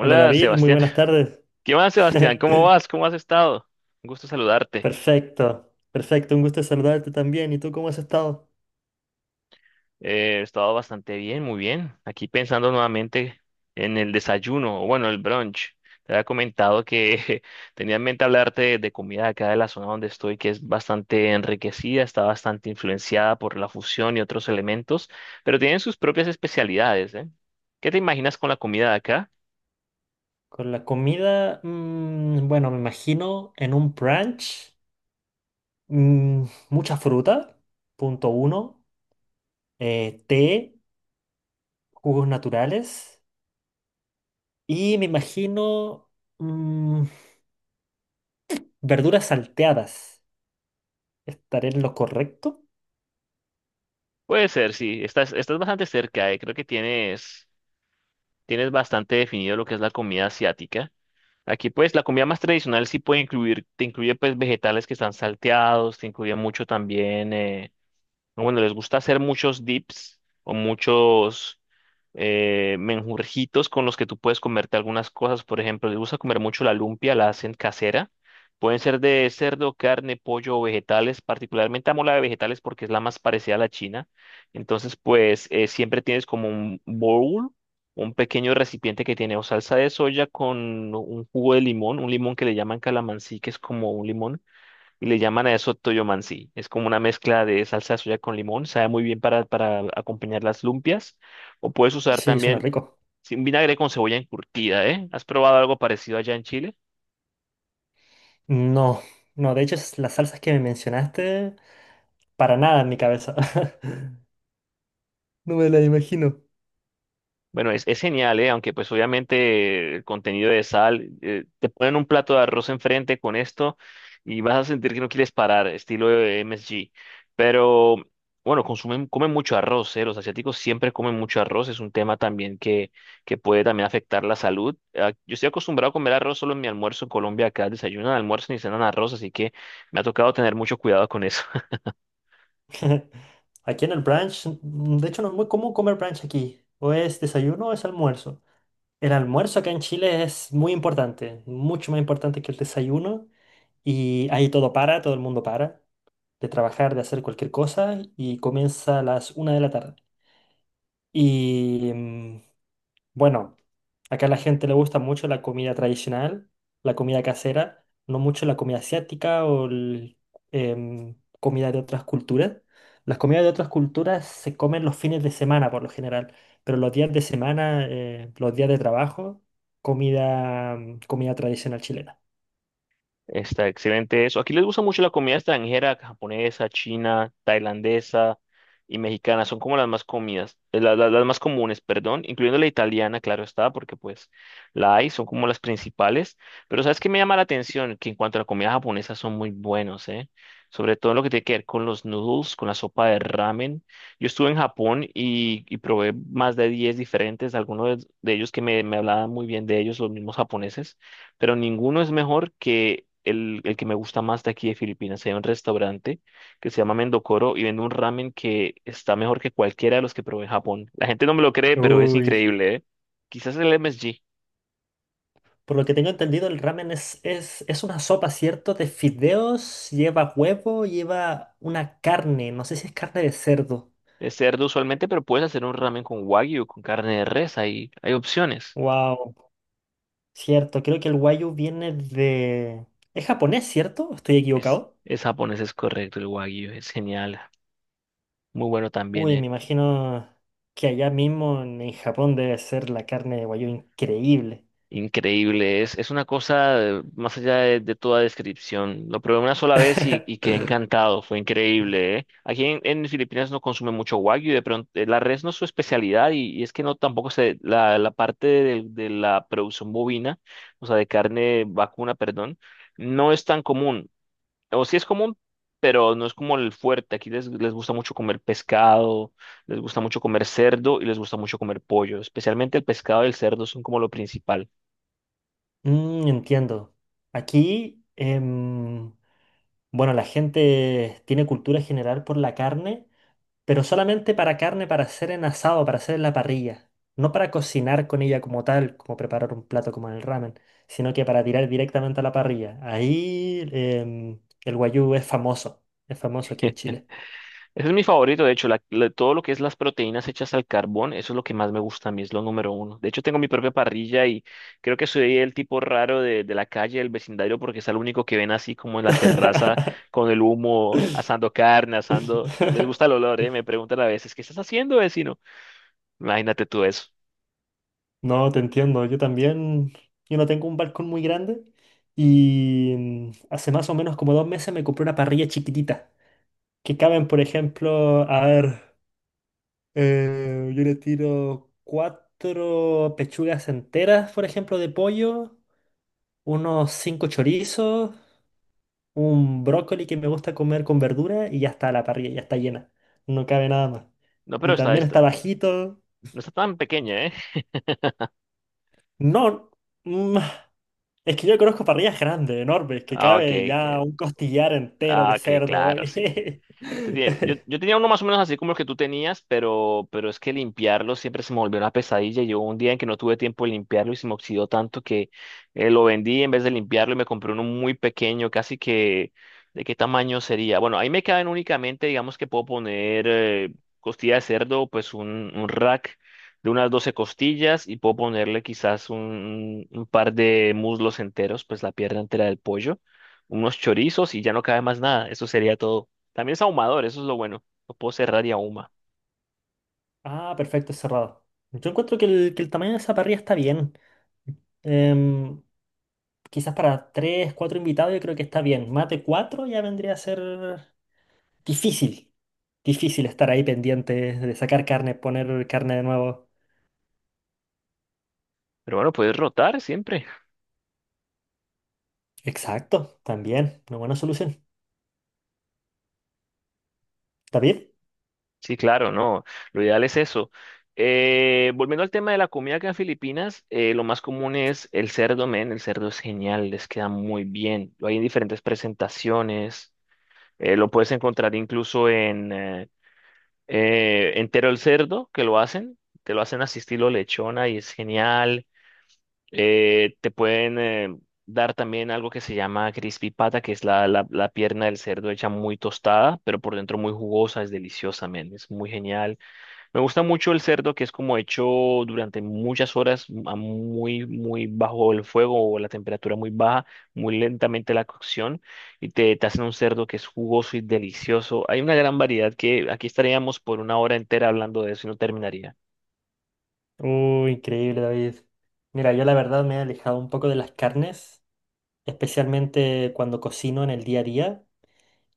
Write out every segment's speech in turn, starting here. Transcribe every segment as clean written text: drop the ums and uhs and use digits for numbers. Hola David, muy Sebastián. buenas tardes. ¿Qué más, Sebastián? ¿Cómo vas? ¿Cómo has estado? Un gusto saludarte. Perfecto, perfecto, un gusto saludarte también. ¿Y tú cómo has estado? He estado bastante bien, muy bien. Aquí pensando nuevamente en el desayuno, o bueno, el brunch. Te había comentado que tenía en mente hablarte de comida acá de la zona donde estoy, que es bastante enriquecida, está bastante influenciada por la fusión y otros elementos, pero tienen sus propias especialidades, ¿eh? ¿Qué te imaginas con la comida de acá? Con la comida, bueno, me imagino en un brunch, mm, mucha fruta, punto uno, té, jugos naturales y me imagino mm, verduras salteadas. ¿Estaré en lo correcto? Puede ser, sí. Estás bastante cerca, eh. Creo que tienes. Tienes bastante definido lo que es la comida asiática. Aquí pues la comida más tradicional sí puede incluir, te incluye pues vegetales que están salteados, te incluye mucho también, o bueno, les gusta hacer muchos dips o muchos menjurjitos con los que tú puedes comerte algunas cosas. Por ejemplo, les gusta comer mucho la lumpia, la hacen casera. Pueden ser de cerdo, carne, pollo o vegetales. Particularmente amo la de vegetales porque es la más parecida a la china. Entonces, pues siempre tienes como un bowl, un pequeño recipiente que tiene o salsa de soya con un jugo de limón, un limón que le llaman calamansí, que es como un limón y le llaman a eso toyomansi. Es como una mezcla de salsa de soya con limón, sabe muy bien para acompañar las lumpias. O puedes usar Sí, suena también rico. sin vinagre con cebolla encurtida, ¿eh? ¿Has probado algo parecido allá en Chile? No, no, de hecho es las salsas que me mencionaste, para nada en mi cabeza. No me la imagino. Bueno, es genial, ¿eh? Aunque pues obviamente el contenido de sal, te ponen un plato de arroz enfrente con esto y vas a sentir que no quieres parar, estilo de MSG. Pero bueno, consumen, comen mucho arroz, ¿eh? Los asiáticos siempre comen mucho arroz, es un tema también que puede también afectar la salud. Ah, yo estoy acostumbrado a comer arroz solo en mi almuerzo en Colombia, acá desayunan, almuerzan y cenan arroz, así que me ha tocado tener mucho cuidado con eso. Aquí en el brunch, de hecho no es muy común comer brunch aquí. O es desayuno o es almuerzo. El almuerzo acá en Chile es muy importante, mucho más importante que el desayuno. Y ahí todo el mundo para de trabajar, de hacer cualquier cosa y comienza a las 1 de la tarde. Y bueno, acá a la gente le gusta mucho la comida tradicional, la comida casera, no mucho la comida asiática o el, em, comida de otras culturas. Las comidas de otras culturas se comen los fines de semana por lo general, pero los días de semana, los días de trabajo, comida tradicional chilena. Está excelente eso. Aquí les gusta mucho la comida extranjera, japonesa, china, tailandesa y mexicana. Son como las más comidas, las más comunes, perdón, incluyendo la italiana, claro está, porque pues la hay, son como las principales. Pero ¿sabes qué me llama la atención? Que en cuanto a la comida japonesa son muy buenos, ¿eh? Sobre todo lo que tiene que ver con los noodles, con la sopa de ramen. Yo estuve en Japón y probé más de 10 diferentes, algunos de ellos me hablaban muy bien de ellos, los mismos japoneses, pero ninguno es mejor que el que me gusta más de aquí de Filipinas. Hay un restaurante que se llama Mendocoro y vende un ramen que está mejor que cualquiera de los que probé en Japón. La gente no me lo cree, pero es Uy. increíble, ¿eh? Quizás el MSG. Por lo que tengo entendido, el ramen es una sopa, ¿cierto? De fideos, lleva huevo, lleva una carne, no sé si es carne de cerdo. Es cerdo usualmente, pero puedes hacer un ramen con wagyu, con carne de res, hay opciones. Wow. Cierto, creo que el Wagyu viene de... ¿Es japonés, cierto? ¿O ¿Estoy equivocado? Es japonés, es correcto, el wagyu es genial. Muy bueno también, Uy, ¿eh? me imagino que allá mismo en Japón debe ser la carne de Wagyu increíble. Increíble, es una cosa, más allá de toda descripción. Lo probé una sola vez y quedé encantado, fue increíble, ¿eh? Aquí en Filipinas no consume mucho wagyu, de pronto la res no es su especialidad y es que no tampoco se, la parte de la producción bovina, o sea, de carne vacuna, perdón, no es tan común. O sí es común, pero no es como el fuerte. Aquí les gusta mucho comer pescado, les gusta mucho comer cerdo y les gusta mucho comer pollo. Especialmente el pescado y el cerdo son como lo principal. Mm, entiendo. Aquí, bueno, la gente tiene cultura general por la carne pero solamente para carne para hacer en asado, para hacer en la parrilla. No para cocinar con ella como tal, como preparar un plato como en el ramen, sino que para tirar directamente a la parrilla. Ahí el guayú es famoso aquí en Chile. Ese es mi favorito, de hecho, todo lo que es las proteínas hechas al carbón, eso es lo que más me gusta a mí, es lo número uno. De hecho, tengo mi propia parrilla y creo que soy el tipo raro de la calle, del vecindario, porque es el único que ven así como en la terraza con el humo, asando carne, asando... Les gusta el olor, ¿eh? Me preguntan a veces, ¿qué estás haciendo, vecino? Imagínate tú eso. No, te entiendo, yo también, yo no tengo un balcón muy grande y hace más o menos como 2 meses me compré una parrilla chiquitita, que caben, por ejemplo, a ver. Yo le tiro cuatro pechugas enteras, por ejemplo, de pollo, unos cinco chorizos, un brócoli que me gusta comer con verdura y ya está la parrilla, ya está llena. No cabe nada más. No, pero Y también está bajito. no está tan pequeña, ¿eh? No, mm, es que yo conozco parrillas grandes, enormes, que Ah, ok, cabe ya que- un costillar entero ah, de ok, cerdo. claro, sí. Te tiene- yo tenía uno más o menos así como el que tú tenías, pero es que limpiarlo siempre se me volvió una pesadilla. Yo un día en que no tuve tiempo de limpiarlo y se me oxidó tanto que lo vendí en vez de limpiarlo y me compré uno muy pequeño, casi que de qué tamaño sería. Bueno, ahí me caben únicamente, digamos que puedo poner costilla de cerdo, pues un rack de unas 12 costillas y puedo ponerle quizás un par de muslos enteros, pues la pierna entera del pollo, unos chorizos y ya no cabe más nada. Eso sería todo. También es ahumador, eso es lo bueno. Lo puedo cerrar y ahuma. Ah, perfecto, cerrado. Yo encuentro que el tamaño de esa parrilla está bien. Em, quizás para tres, cuatro invitados yo creo que está bien. Más de cuatro ya vendría a ser difícil. Difícil estar ahí pendiente de sacar carne, poner carne de nuevo. Pero bueno, puedes rotar siempre. Exacto, también. Una buena solución. ¿David? Sí, claro, no. Lo ideal es eso. Volviendo al tema de la comida acá en Filipinas, lo más común es el cerdo, men. El cerdo es genial, les queda muy bien. Lo hay en diferentes presentaciones. Lo puedes encontrar incluso en entero el cerdo, que lo hacen. Te lo hacen así estilo lechona y es genial. Te pueden dar también algo que se llama crispy pata, que es la pierna del cerdo hecha muy tostada, pero por dentro muy jugosa, es deliciosa, men, es muy genial. Me gusta mucho el cerdo que es como hecho durante muchas horas a muy bajo el fuego o la temperatura muy baja, muy lentamente la cocción, y te hacen un cerdo que es jugoso y delicioso. Hay una gran variedad que aquí estaríamos por una hora entera hablando de eso y no terminaría. Uy, increíble, David. Mira, yo la verdad me he alejado un poco de las carnes, especialmente cuando cocino en el día a día.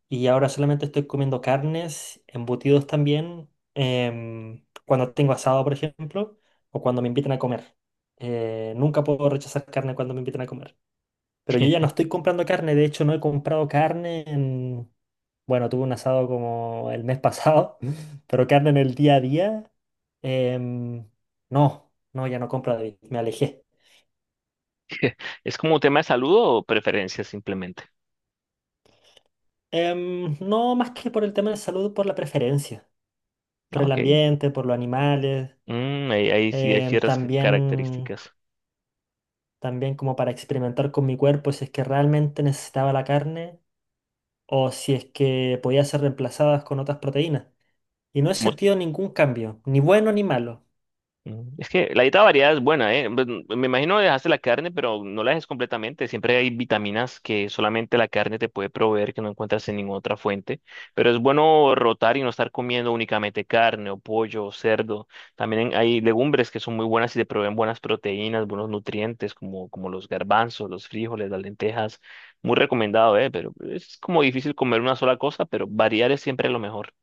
Y ahora solamente estoy comiendo carnes, embutidos también, cuando tengo asado, por ejemplo, o cuando me invitan a comer. Nunca puedo rechazar carne cuando me invitan a comer. Pero yo ya no estoy comprando carne, de hecho no he comprado carne en... Bueno, tuve un asado como el mes pasado, pero carne en el día a día, em, no, no, ya no compro, David, me alejé. ¿Es como un tema de salud o preferencias simplemente? No más que por el tema de salud, por la preferencia, Ah, por el ok. ambiente, por los animales. Mm, ahí sí hay Em, ciertas también, características. también como para experimentar con mi cuerpo si es que realmente necesitaba la carne o si es que podía ser reemplazadas con otras proteínas. Y no he Como- sentido ningún cambio, ni bueno ni malo. mm, es que la dieta variada es buena, ¿eh? Pues, mm, me imagino dejaste la carne, pero no la dejes completamente. Siempre hay vitaminas que solamente la carne te puede proveer, que no encuentras en ninguna otra fuente. Pero es bueno rotar y no estar comiendo únicamente carne o pollo o cerdo. También hay legumbres que son muy buenas y te proveen buenas proteínas, buenos nutrientes, como los garbanzos, los frijoles, las lentejas. Muy recomendado, ¿eh? Pero es como difícil comer una sola cosa, pero variar es siempre lo mejor.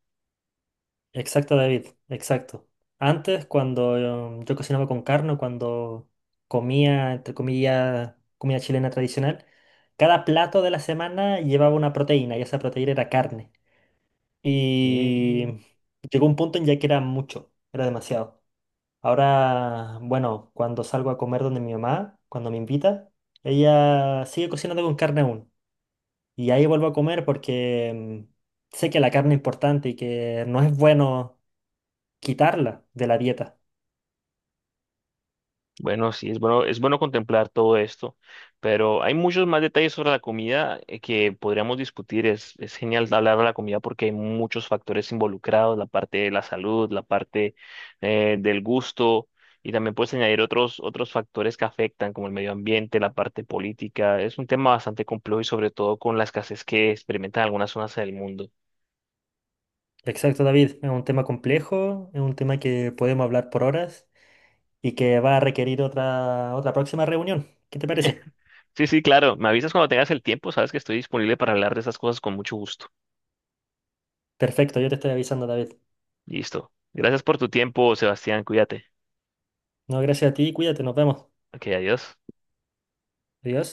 Exacto, David, exacto. Antes, cuando yo cocinaba con carne, o cuando comía, entre comillas, comida chilena tradicional, cada plato de la semana llevaba una proteína y esa proteína era carne. Y Mm, llegó un punto en ya que era mucho, era demasiado. Ahora, bueno, cuando salgo a comer donde mi mamá, cuando me invita, ella sigue cocinando con carne aún. Y ahí vuelvo a comer porque sé que la carne es importante y que no es bueno quitarla de la dieta. bueno, sí, es bueno contemplar todo esto, pero hay muchos más detalles sobre la comida que podríamos discutir. Es genial hablar de la comida porque hay muchos factores involucrados, la parte de la salud, la parte del gusto, y también puedes añadir otros factores que afectan, como el medio ambiente, la parte política. Es un tema bastante complejo y sobre todo con la escasez que experimentan algunas zonas del mundo. Exacto, David. Es un tema complejo, es un tema que podemos hablar por horas y que va a requerir otra próxima reunión. ¿Qué te parece? Sí, sí, claro, me avisas cuando tengas el tiempo, sabes que estoy disponible para hablar de esas cosas con mucho gusto. Perfecto, yo te estoy avisando, David. Listo. Gracias por tu tiempo, Sebastián. Cuídate. No, gracias a ti, cuídate, nos vemos. Ok, adiós. Adiós.